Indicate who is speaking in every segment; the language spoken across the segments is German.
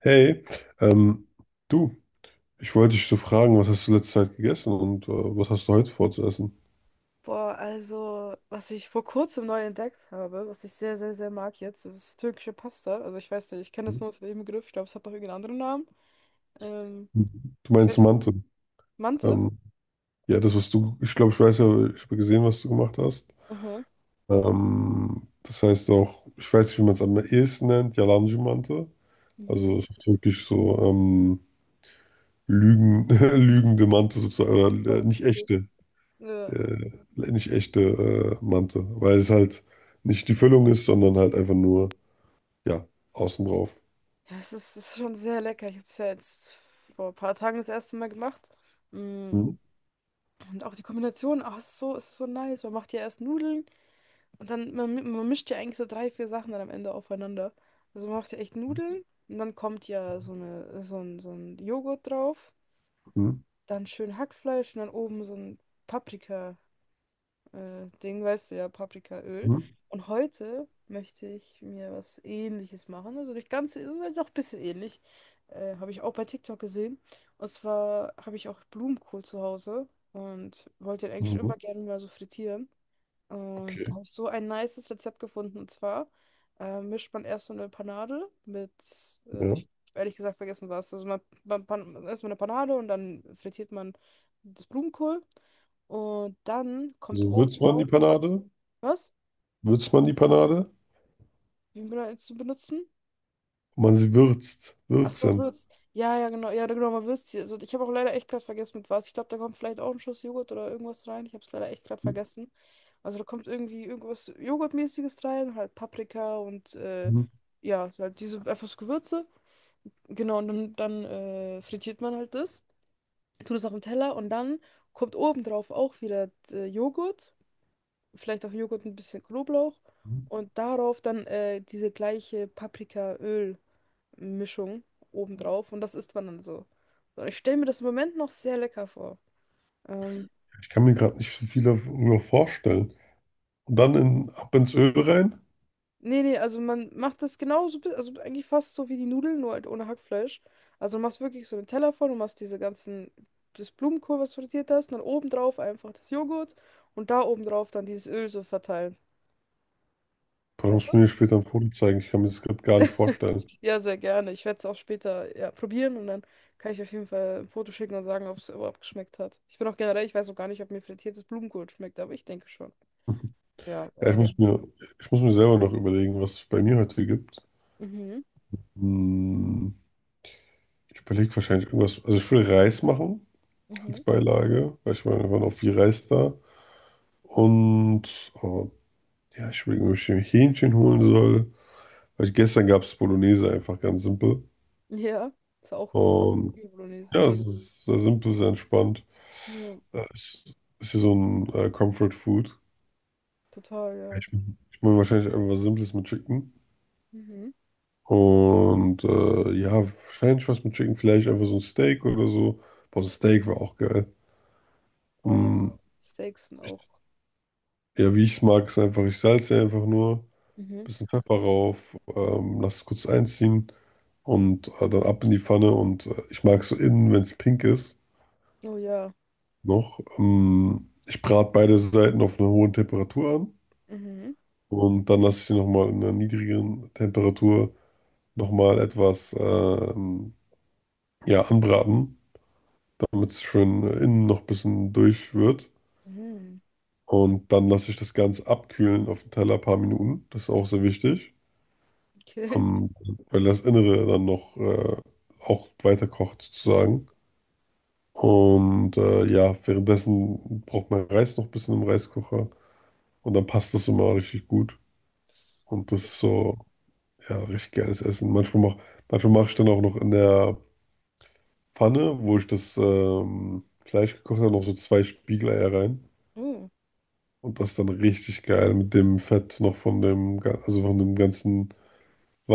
Speaker 1: Hey, ähm, du, ich wollte dich so fragen, was hast du letzte Zeit gegessen und was hast du heute vor zu essen?
Speaker 2: Boah, also, was ich vor kurzem neu entdeckt habe, was ich sehr, sehr, sehr mag jetzt, das ist türkische Pasta. Also, ich weiß nicht, ich kenne das nur unter dem Begriff. Ich glaube, es hat noch irgendeinen anderen Namen. Ähm,
Speaker 1: Du
Speaker 2: Ich
Speaker 1: meinst
Speaker 2: weiß,
Speaker 1: Mante.
Speaker 2: Mante?
Speaker 1: Ähm, ja, das, was du, ich glaube, ich weiß ja, ich habe gesehen, was du gemacht hast.
Speaker 2: Aha.
Speaker 1: Das heißt auch, ich weiß nicht, wie man es am ehesten nennt, Yalancı Mante.
Speaker 2: Mhm.
Speaker 1: Also es ist wirklich so Lügen, lügende Mante sozusagen, oder
Speaker 2: Oh,
Speaker 1: nicht
Speaker 2: okay.
Speaker 1: echte,
Speaker 2: Ja,
Speaker 1: nicht echte Mante, weil es halt nicht die Füllung ist, sondern halt einfach nur, ja, außen drauf.
Speaker 2: ja, es ist schon sehr lecker. Ich habe es ja jetzt vor ein paar Tagen das erste Mal gemacht. Mm.
Speaker 1: Hm,
Speaker 2: Und auch die Kombination, ach, es ist so nice. Man macht ja erst Nudeln, und dann man mischt ja eigentlich so drei, vier Sachen dann am Ende aufeinander. Also man macht ja echt Nudeln und dann kommt ja so eine, so ein Joghurt drauf,
Speaker 1: hm,
Speaker 2: dann schön Hackfleisch und dann oben so ein Paprika-Ding, weißt du ja, Paprikaöl.
Speaker 1: hm,
Speaker 2: Und heute möchte ich mir was Ähnliches machen, also nicht ganz, also doch ein bisschen ähnlich. Habe ich auch bei TikTok gesehen. Und zwar habe ich auch Blumenkohl zu Hause und wollte den eigentlich schon
Speaker 1: mhm.
Speaker 2: immer gerne mal so frittieren. Und da
Speaker 1: Okay,
Speaker 2: habe ich so ein nices Rezept gefunden. Und zwar mischt man erst so eine Panade mit,
Speaker 1: ja.
Speaker 2: ich hab ehrlich gesagt vergessen was. Also man erst mal eine Panade und dann frittiert man das Blumenkohl. Und dann kommt
Speaker 1: Also
Speaker 2: oben
Speaker 1: würzt man
Speaker 2: drauf,
Speaker 1: die Panade?
Speaker 2: was?
Speaker 1: Würzt man die Panade?
Speaker 2: Wie zu benutzen?
Speaker 1: Man sie würzt.
Speaker 2: Ach so,
Speaker 1: Würzen.
Speaker 2: Würz. Ja, ja, genau. Ja, genau, mal Würzchen. Also, ich habe auch leider echt gerade vergessen, mit was. Ich glaube, da kommt vielleicht auch ein Schuss Joghurt oder irgendwas rein. Ich habe es leider echt gerade vergessen. Also, da kommt irgendwie irgendwas Joghurtmäßiges rein, halt Paprika und
Speaker 1: Mhm.
Speaker 2: ja, halt diese einfach so Gewürze. Genau, und dann frittiert man halt das, tut es auf den Teller und dann kommt obendrauf auch wieder Joghurt, vielleicht auch Joghurt mit ein bisschen Knoblauch
Speaker 1: Mhm.
Speaker 2: und darauf dann diese gleiche Paprikaöl. Mischung obendrauf, und das isst man dann so. Und ich stelle mir das im Moment noch sehr lecker vor. Ähm,
Speaker 1: Ich kann mir gerade nicht so viel darüber vorstellen. Und dann in, ab ins Öl rein?
Speaker 2: Nee, nee, also man macht das genauso, also eigentlich fast so wie die Nudeln, nur halt ohne Hackfleisch. Also du machst wirklich so einen Teller voll, du machst diese ganzen, das Blumenkohl, was du frittiert hast, und dann obendrauf einfach das Joghurt und da obendrauf dann dieses Öl so verteilen.
Speaker 1: Boah,
Speaker 2: Weißt du?
Speaker 1: musst du mir später ein Foto zeigen. Ich kann mir das gerade gar nicht vorstellen.
Speaker 2: Ja, sehr gerne. Ich werde es auch später ja probieren, und dann kann ich auf jeden Fall ein Foto schicken und sagen, ob es überhaupt geschmeckt hat. Ich bin auch generell, ich weiß auch gar nicht, ob mir frittiertes Blumenkohl schmeckt, aber ich denke schon. Ja.
Speaker 1: Ja, ich muss mir, ich muss mir selber noch überlegen, was es bei mir heute gibt.
Speaker 2: Mhm.
Speaker 1: Hm, ich überlege wahrscheinlich irgendwas. Also ich will Reis machen als
Speaker 2: Mhm.
Speaker 1: Beilage, weil ich meine, da war noch viel Reis da. Und ja, ich überlege, ob ich mir Hähnchen holen soll. Weil gestern gab es Bolognese einfach ganz simpel.
Speaker 2: Ja, ist auch gut.
Speaker 1: Und
Speaker 2: Zwiebelbolognese.
Speaker 1: ja, es ist sehr simpel, sehr entspannt.
Speaker 2: Ja.
Speaker 1: Es ist hier so ein Comfort Food.
Speaker 2: Total, ja.
Speaker 1: Ich mache wahrscheinlich einfach was Simples mit Chicken.
Speaker 2: Mhm.
Speaker 1: Und ja, wahrscheinlich was mit Chicken, vielleicht einfach so ein Steak oder so. Boah, so ein Steak war auch geil.
Speaker 2: Aber ja,
Speaker 1: Mm,
Speaker 2: Steaks sind auch.
Speaker 1: ja, wie ich es mag, ist einfach, ich salze einfach nur.
Speaker 2: Mhm.
Speaker 1: Bisschen Pfeffer rauf, lass es kurz einziehen und dann ab in die Pfanne. Und ich mag es so innen, wenn es pink ist,
Speaker 2: Oh ja.
Speaker 1: noch. Ich brate beide Seiten auf einer hohen Temperatur an
Speaker 2: Mhm.
Speaker 1: und dann lasse ich sie nochmal in einer niedrigeren Temperatur nochmal etwas ja, anbraten, damit es schön innen noch ein bisschen durch wird.
Speaker 2: Mhm.
Speaker 1: Und dann lasse ich das Ganze abkühlen auf dem Teller ein paar Minuten. Das ist auch sehr wichtig.
Speaker 2: Okay.
Speaker 1: ähm, Weil das Innere dann noch auch weiter kocht
Speaker 2: Mhm.
Speaker 1: sozusagen. Und ja, währenddessen braucht man Reis noch ein bisschen im Reiskocher und dann passt das immer richtig gut. Und das ist so, ja, richtig geiles Essen. Manchmal mach ich dann auch noch in der Pfanne, wo ich das Fleisch gekocht habe, noch so zwei Spiegeleier rein.
Speaker 2: Oh.
Speaker 1: Und das ist dann richtig geil mit dem Fett noch von dem, also von dem ganzen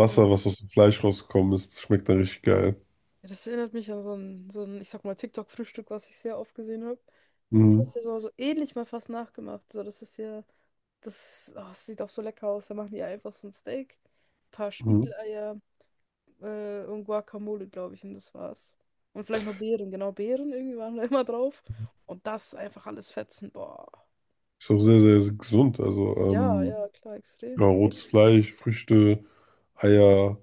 Speaker 2: Ja.
Speaker 1: was aus dem Fleisch rausgekommen ist. Das schmeckt dann richtig geil.
Speaker 2: Ja, das erinnert mich an so ein, ich sag mal, TikTok-Frühstück, was ich sehr oft gesehen habe. Ich glaube, das
Speaker 1: Mhm.
Speaker 2: hast du ja so ähnlich mal fast nachgemacht. So, das ist ja, das, oh, das sieht auch so lecker aus. Da machen die einfach so ein Steak, ein paar
Speaker 1: Mhm.
Speaker 2: Spiegeleier, und Guacamole, glaube ich, und das war's. Und vielleicht noch Beeren, genau, Beeren irgendwie waren da immer drauf. Und das einfach alles fetzen, boah.
Speaker 1: Ist auch sehr, sehr gesund. Also
Speaker 2: Ja, ja, klar,
Speaker 1: ja,
Speaker 2: extrem.
Speaker 1: rotes Fleisch, Früchte, Eier.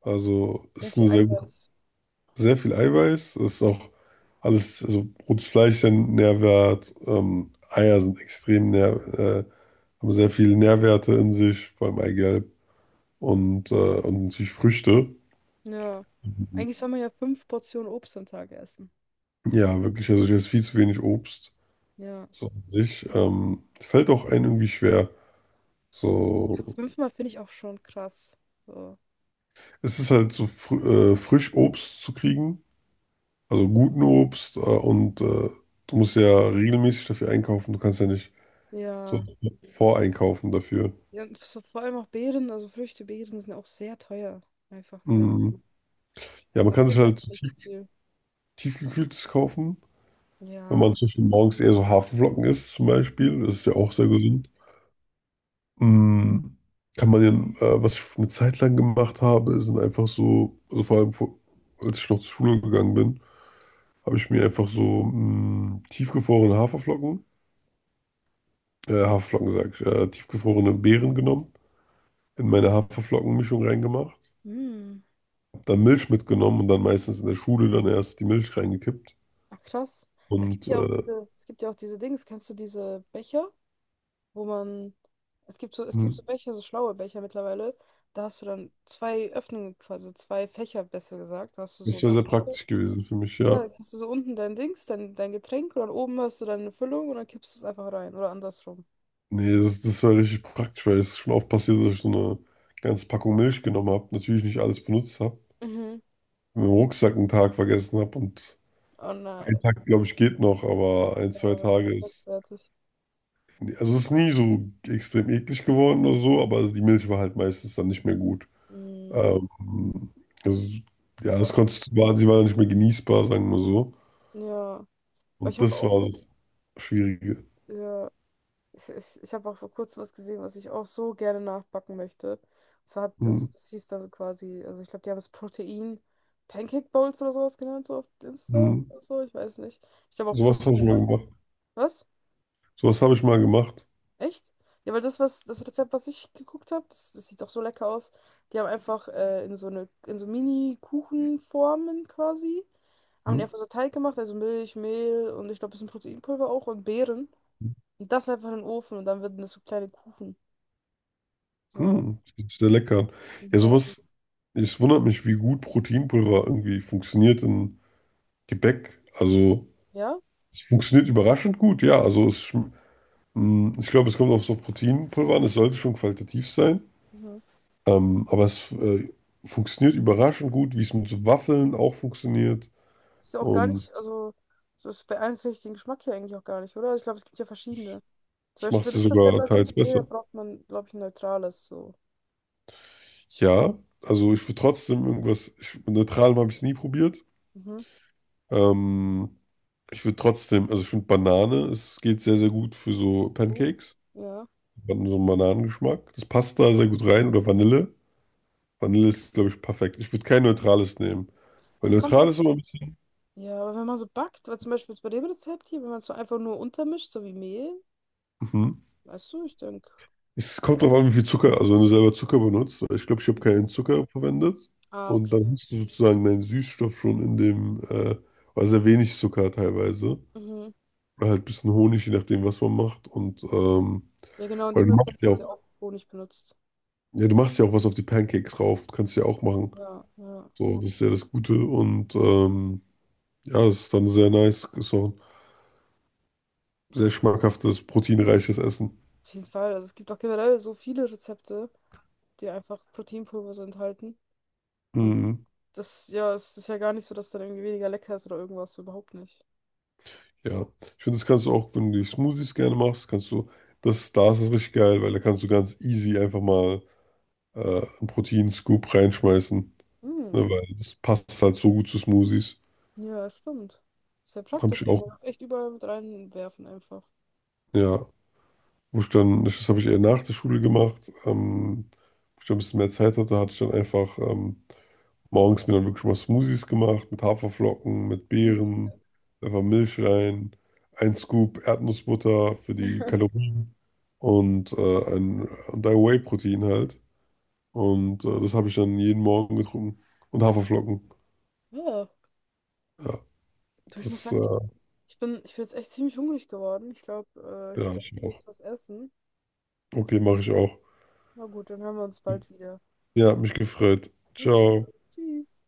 Speaker 1: Also
Speaker 2: Sehr
Speaker 1: ist
Speaker 2: viel
Speaker 1: eine sehr gute,
Speaker 2: Eiweiß.
Speaker 1: sehr viel Eiweiß. Ist auch alles, also rotes Fleisch ist ja nährwert. Eier sind extrem nähr, äh, haben sehr viele Nährwerte in sich, vor allem Eigelb und natürlich Früchte.
Speaker 2: Ja.
Speaker 1: Mhm.
Speaker 2: Eigentlich soll man ja fünf Portionen Obst am Tag essen.
Speaker 1: Ja, wirklich. Also ich esse viel zu wenig Obst.
Speaker 2: Ja.
Speaker 1: So an sich. Fällt auch einem irgendwie schwer.
Speaker 2: Ja,
Speaker 1: So,
Speaker 2: fünfmal finde ich auch schon krass. So.
Speaker 1: es ist halt so fr frisch Obst zu kriegen. Also guten Obst und du musst ja regelmäßig dafür einkaufen. Du kannst ja nicht so
Speaker 2: Ja.
Speaker 1: voreinkaufen dafür.
Speaker 2: Ja, und so vor allem auch Beeren, also Früchte, Beeren sind auch sehr teuer. Einfach leider.
Speaker 1: Mhm. Ja, man
Speaker 2: Man
Speaker 1: kann sich
Speaker 2: kriegt davon nicht so viel.
Speaker 1: tiefgekühltes kaufen, wenn man
Speaker 2: Ja.
Speaker 1: zum Beispiel morgens eher so Haferflocken isst zum Beispiel. Das ist ja
Speaker 2: Ja.
Speaker 1: auch sehr gesund. Mhm. Kann man den, was ich eine Zeit lang gemacht habe, sind einfach so, also vor allem vor, als ich noch zur Schule gegangen bin, habe ich mir einfach so mh, tiefgefrorene Haferflocken, Haferflocken sag ich, tiefgefrorene Beeren genommen in meine Haferflockenmischung reingemacht,
Speaker 2: Hm.
Speaker 1: hab dann Milch mitgenommen und dann meistens in der Schule dann erst die Milch reingekippt.
Speaker 2: Ach, krass. Es gibt
Speaker 1: Und
Speaker 2: ja auch diese, es gibt ja auch diese Dings, kennst du diese Becher, wo man, es gibt so, es
Speaker 1: hm,
Speaker 2: gibt so Becher, so schlaue Becher mittlerweile. Da hast du dann zwei Öffnungen, quasi zwei Fächer, besser gesagt. Da hast du so
Speaker 1: das wäre sehr
Speaker 2: dein Becher.
Speaker 1: praktisch gewesen für mich,
Speaker 2: Ja,
Speaker 1: ja.
Speaker 2: dann hast du so unten dein Dings, dein Getränk und dann oben hast du deine Füllung, und dann kippst du es einfach rein oder andersrum.
Speaker 1: Nee, das war richtig praktisch, weil es ist schon oft passiert, dass ich so eine ganze Packung Milch genommen habe, natürlich nicht alles benutzt habe,
Speaker 2: Mhm.
Speaker 1: mit dem Rucksack einen Tag vergessen habe und
Speaker 2: Oh
Speaker 1: ein
Speaker 2: nein.
Speaker 1: Tag, glaube ich, geht noch, aber ein,
Speaker 2: Ja,
Speaker 1: zwei
Speaker 2: das
Speaker 1: Tage
Speaker 2: ist ganz
Speaker 1: ist.
Speaker 2: fertig.
Speaker 1: Also es ist nie so extrem eklig geworden oder so, aber also die Milch war halt meistens dann nicht mehr gut.
Speaker 2: Mhm.
Speaker 1: Ähm, also, ja, das
Speaker 2: Boah.
Speaker 1: konntest, du, war, sie war nicht mehr genießbar, sagen wir so.
Speaker 2: Ja. Aber ich
Speaker 1: Und
Speaker 2: habe
Speaker 1: das
Speaker 2: auch,
Speaker 1: war das Schwierige.
Speaker 2: ja. Ich habe auch vor kurzem was gesehen, was ich auch so gerne nachbacken möchte. Und zwar hat
Speaker 1: Hm,
Speaker 2: das, das hieß da so quasi, also ich glaube, die haben es Protein Pancake Bowls oder sowas genannt, so auf Insta
Speaker 1: hm.
Speaker 2: oder so, ich weiß nicht. Ich glaube auch
Speaker 1: Sowas habe ich
Speaker 2: Protein.
Speaker 1: mal gemacht.
Speaker 2: Was?
Speaker 1: Sowas habe ich mal gemacht.
Speaker 2: Echt? Ja, weil das, was, das Rezept, was ich geguckt habe, das sieht doch so lecker aus. Die haben einfach in so eine, in so Mini-Kuchenformen quasi, haben
Speaker 1: Hm,
Speaker 2: die einfach so Teig gemacht, also Milch, Mehl und ich glaube, ein bisschen Proteinpulver auch und Beeren. Und das einfach in den Ofen, und dann werden das so kleine Kuchen. So.
Speaker 1: hm. Das hört sich sehr lecker an. Ja,
Speaker 2: Ja.
Speaker 1: sowas, es wundert mich, wie gut Proteinpulver irgendwie funktioniert in Gebäck. Also,
Speaker 2: Ja?
Speaker 1: es funktioniert überraschend gut, ja. Ich glaube, es kommt auf so Proteinpulver an. Es sollte schon qualitativ sein.
Speaker 2: Mhm.
Speaker 1: Aber es funktioniert überraschend gut, wie es mit so Waffeln auch funktioniert.
Speaker 2: Ist ja auch gar
Speaker 1: Und
Speaker 2: nicht, also, so es beeinträchtigt den Geschmack ja eigentlich auch gar nicht, oder? Ich glaube, es gibt ja verschiedene. Zum
Speaker 1: das macht
Speaker 2: Beispiel
Speaker 1: es
Speaker 2: für
Speaker 1: ja
Speaker 2: das Rezept,
Speaker 1: sogar
Speaker 2: was ich
Speaker 1: teils
Speaker 2: jetzt gesehen habe,
Speaker 1: besser.
Speaker 2: braucht man, glaube ich, ein neutrales, so.
Speaker 1: Ja, also ich würde trotzdem irgendwas, ich, mit Neutralem habe ich es nie probiert.
Speaker 2: Mhm.
Speaker 1: Ähm, ich würde trotzdem, also ich finde Banane, es geht sehr, sehr gut für so
Speaker 2: So.
Speaker 1: Pancakes.
Speaker 2: Ja.
Speaker 1: So einen Bananengeschmack. Das passt da sehr gut rein. Oder Vanille. Vanille ist, glaube ich, perfekt. Ich würde kein neutrales nehmen. Weil
Speaker 2: Es kommt drauf.
Speaker 1: Neutrales ist immer ein bisschen.
Speaker 2: Ja, aber wenn man so backt, weil zum Beispiel jetzt bei dem Rezept hier, wenn man es so einfach nur untermischt, so wie Mehl,
Speaker 1: Mhm.
Speaker 2: weißt du, ich denke.
Speaker 1: Es kommt drauf an, wie viel Zucker, also wenn du selber Zucker benutzt, weil ich glaube, ich habe
Speaker 2: Mhm.
Speaker 1: keinen Zucker verwendet
Speaker 2: Ah,
Speaker 1: und dann
Speaker 2: okay.
Speaker 1: hast du sozusagen deinen Süßstoff schon war sehr wenig Zucker teilweise,
Speaker 2: Mhm.
Speaker 1: oder halt ein bisschen Honig, je nachdem, was man macht und,
Speaker 2: Ja, genau, in
Speaker 1: oder
Speaker 2: dem
Speaker 1: du machst
Speaker 2: Rezept
Speaker 1: ja
Speaker 2: hat sie
Speaker 1: auch,
Speaker 2: auch Honig benutzt.
Speaker 1: ja, du machst ja auch was auf die Pancakes drauf, kannst du ja auch machen,
Speaker 2: Ja, ja.
Speaker 1: so, das ist ja das Gute und, ja, es ist dann sehr nice, ist auch ein sehr schmackhaftes, proteinreiches Essen.
Speaker 2: Auf jeden Fall. Also es gibt auch generell so viele Rezepte, die einfach Proteinpulver so enthalten. Und
Speaker 1: Mhm.
Speaker 2: das, ja, es ist ja gar nicht so, dass dann irgendwie weniger lecker ist oder irgendwas, überhaupt nicht.
Speaker 1: Ja, ich finde, das kannst du auch, wenn du die Smoothies gerne machst, kannst du, das, da ist es richtig geil, weil da kannst du ganz easy einfach mal einen Proteinscoop reinschmeißen,
Speaker 2: Hm,
Speaker 1: ne, weil das passt halt so gut zu Smoothies.
Speaker 2: ja, stimmt. Ist ja
Speaker 1: Habe
Speaker 2: praktisch,
Speaker 1: ich
Speaker 2: ey.
Speaker 1: auch,
Speaker 2: Man kann es echt überall mit reinwerfen einfach.
Speaker 1: ja, wo ich dann, das habe ich eher nach der Schule gemacht, wo ich dann ein bisschen mehr Zeit hatte, hatte ich dann einfach morgens mir dann wirklich mal Smoothies gemacht mit Haferflocken, mit
Speaker 2: Hm.
Speaker 1: Beeren, einfach Milch rein, ein Scoop Erdnussbutter für die Kalorien und, und ein Whey-Protein halt. Und das habe ich dann jeden Morgen getrunken. Und Haferflocken.
Speaker 2: Ja,
Speaker 1: Ja,
Speaker 2: du, ich muss
Speaker 1: das
Speaker 2: sagen, ich bin jetzt echt ziemlich hungrig geworden. Ich glaube, äh, ich
Speaker 1: ja,
Speaker 2: glaube,
Speaker 1: ich
Speaker 2: ich will
Speaker 1: auch.
Speaker 2: jetzt was essen.
Speaker 1: Okay, mache ich auch.
Speaker 2: Na gut, dann hören wir uns bald wieder.
Speaker 1: Ja, hat mich gefreut.
Speaker 2: Ich auch.
Speaker 1: Ciao.
Speaker 2: Tschüss.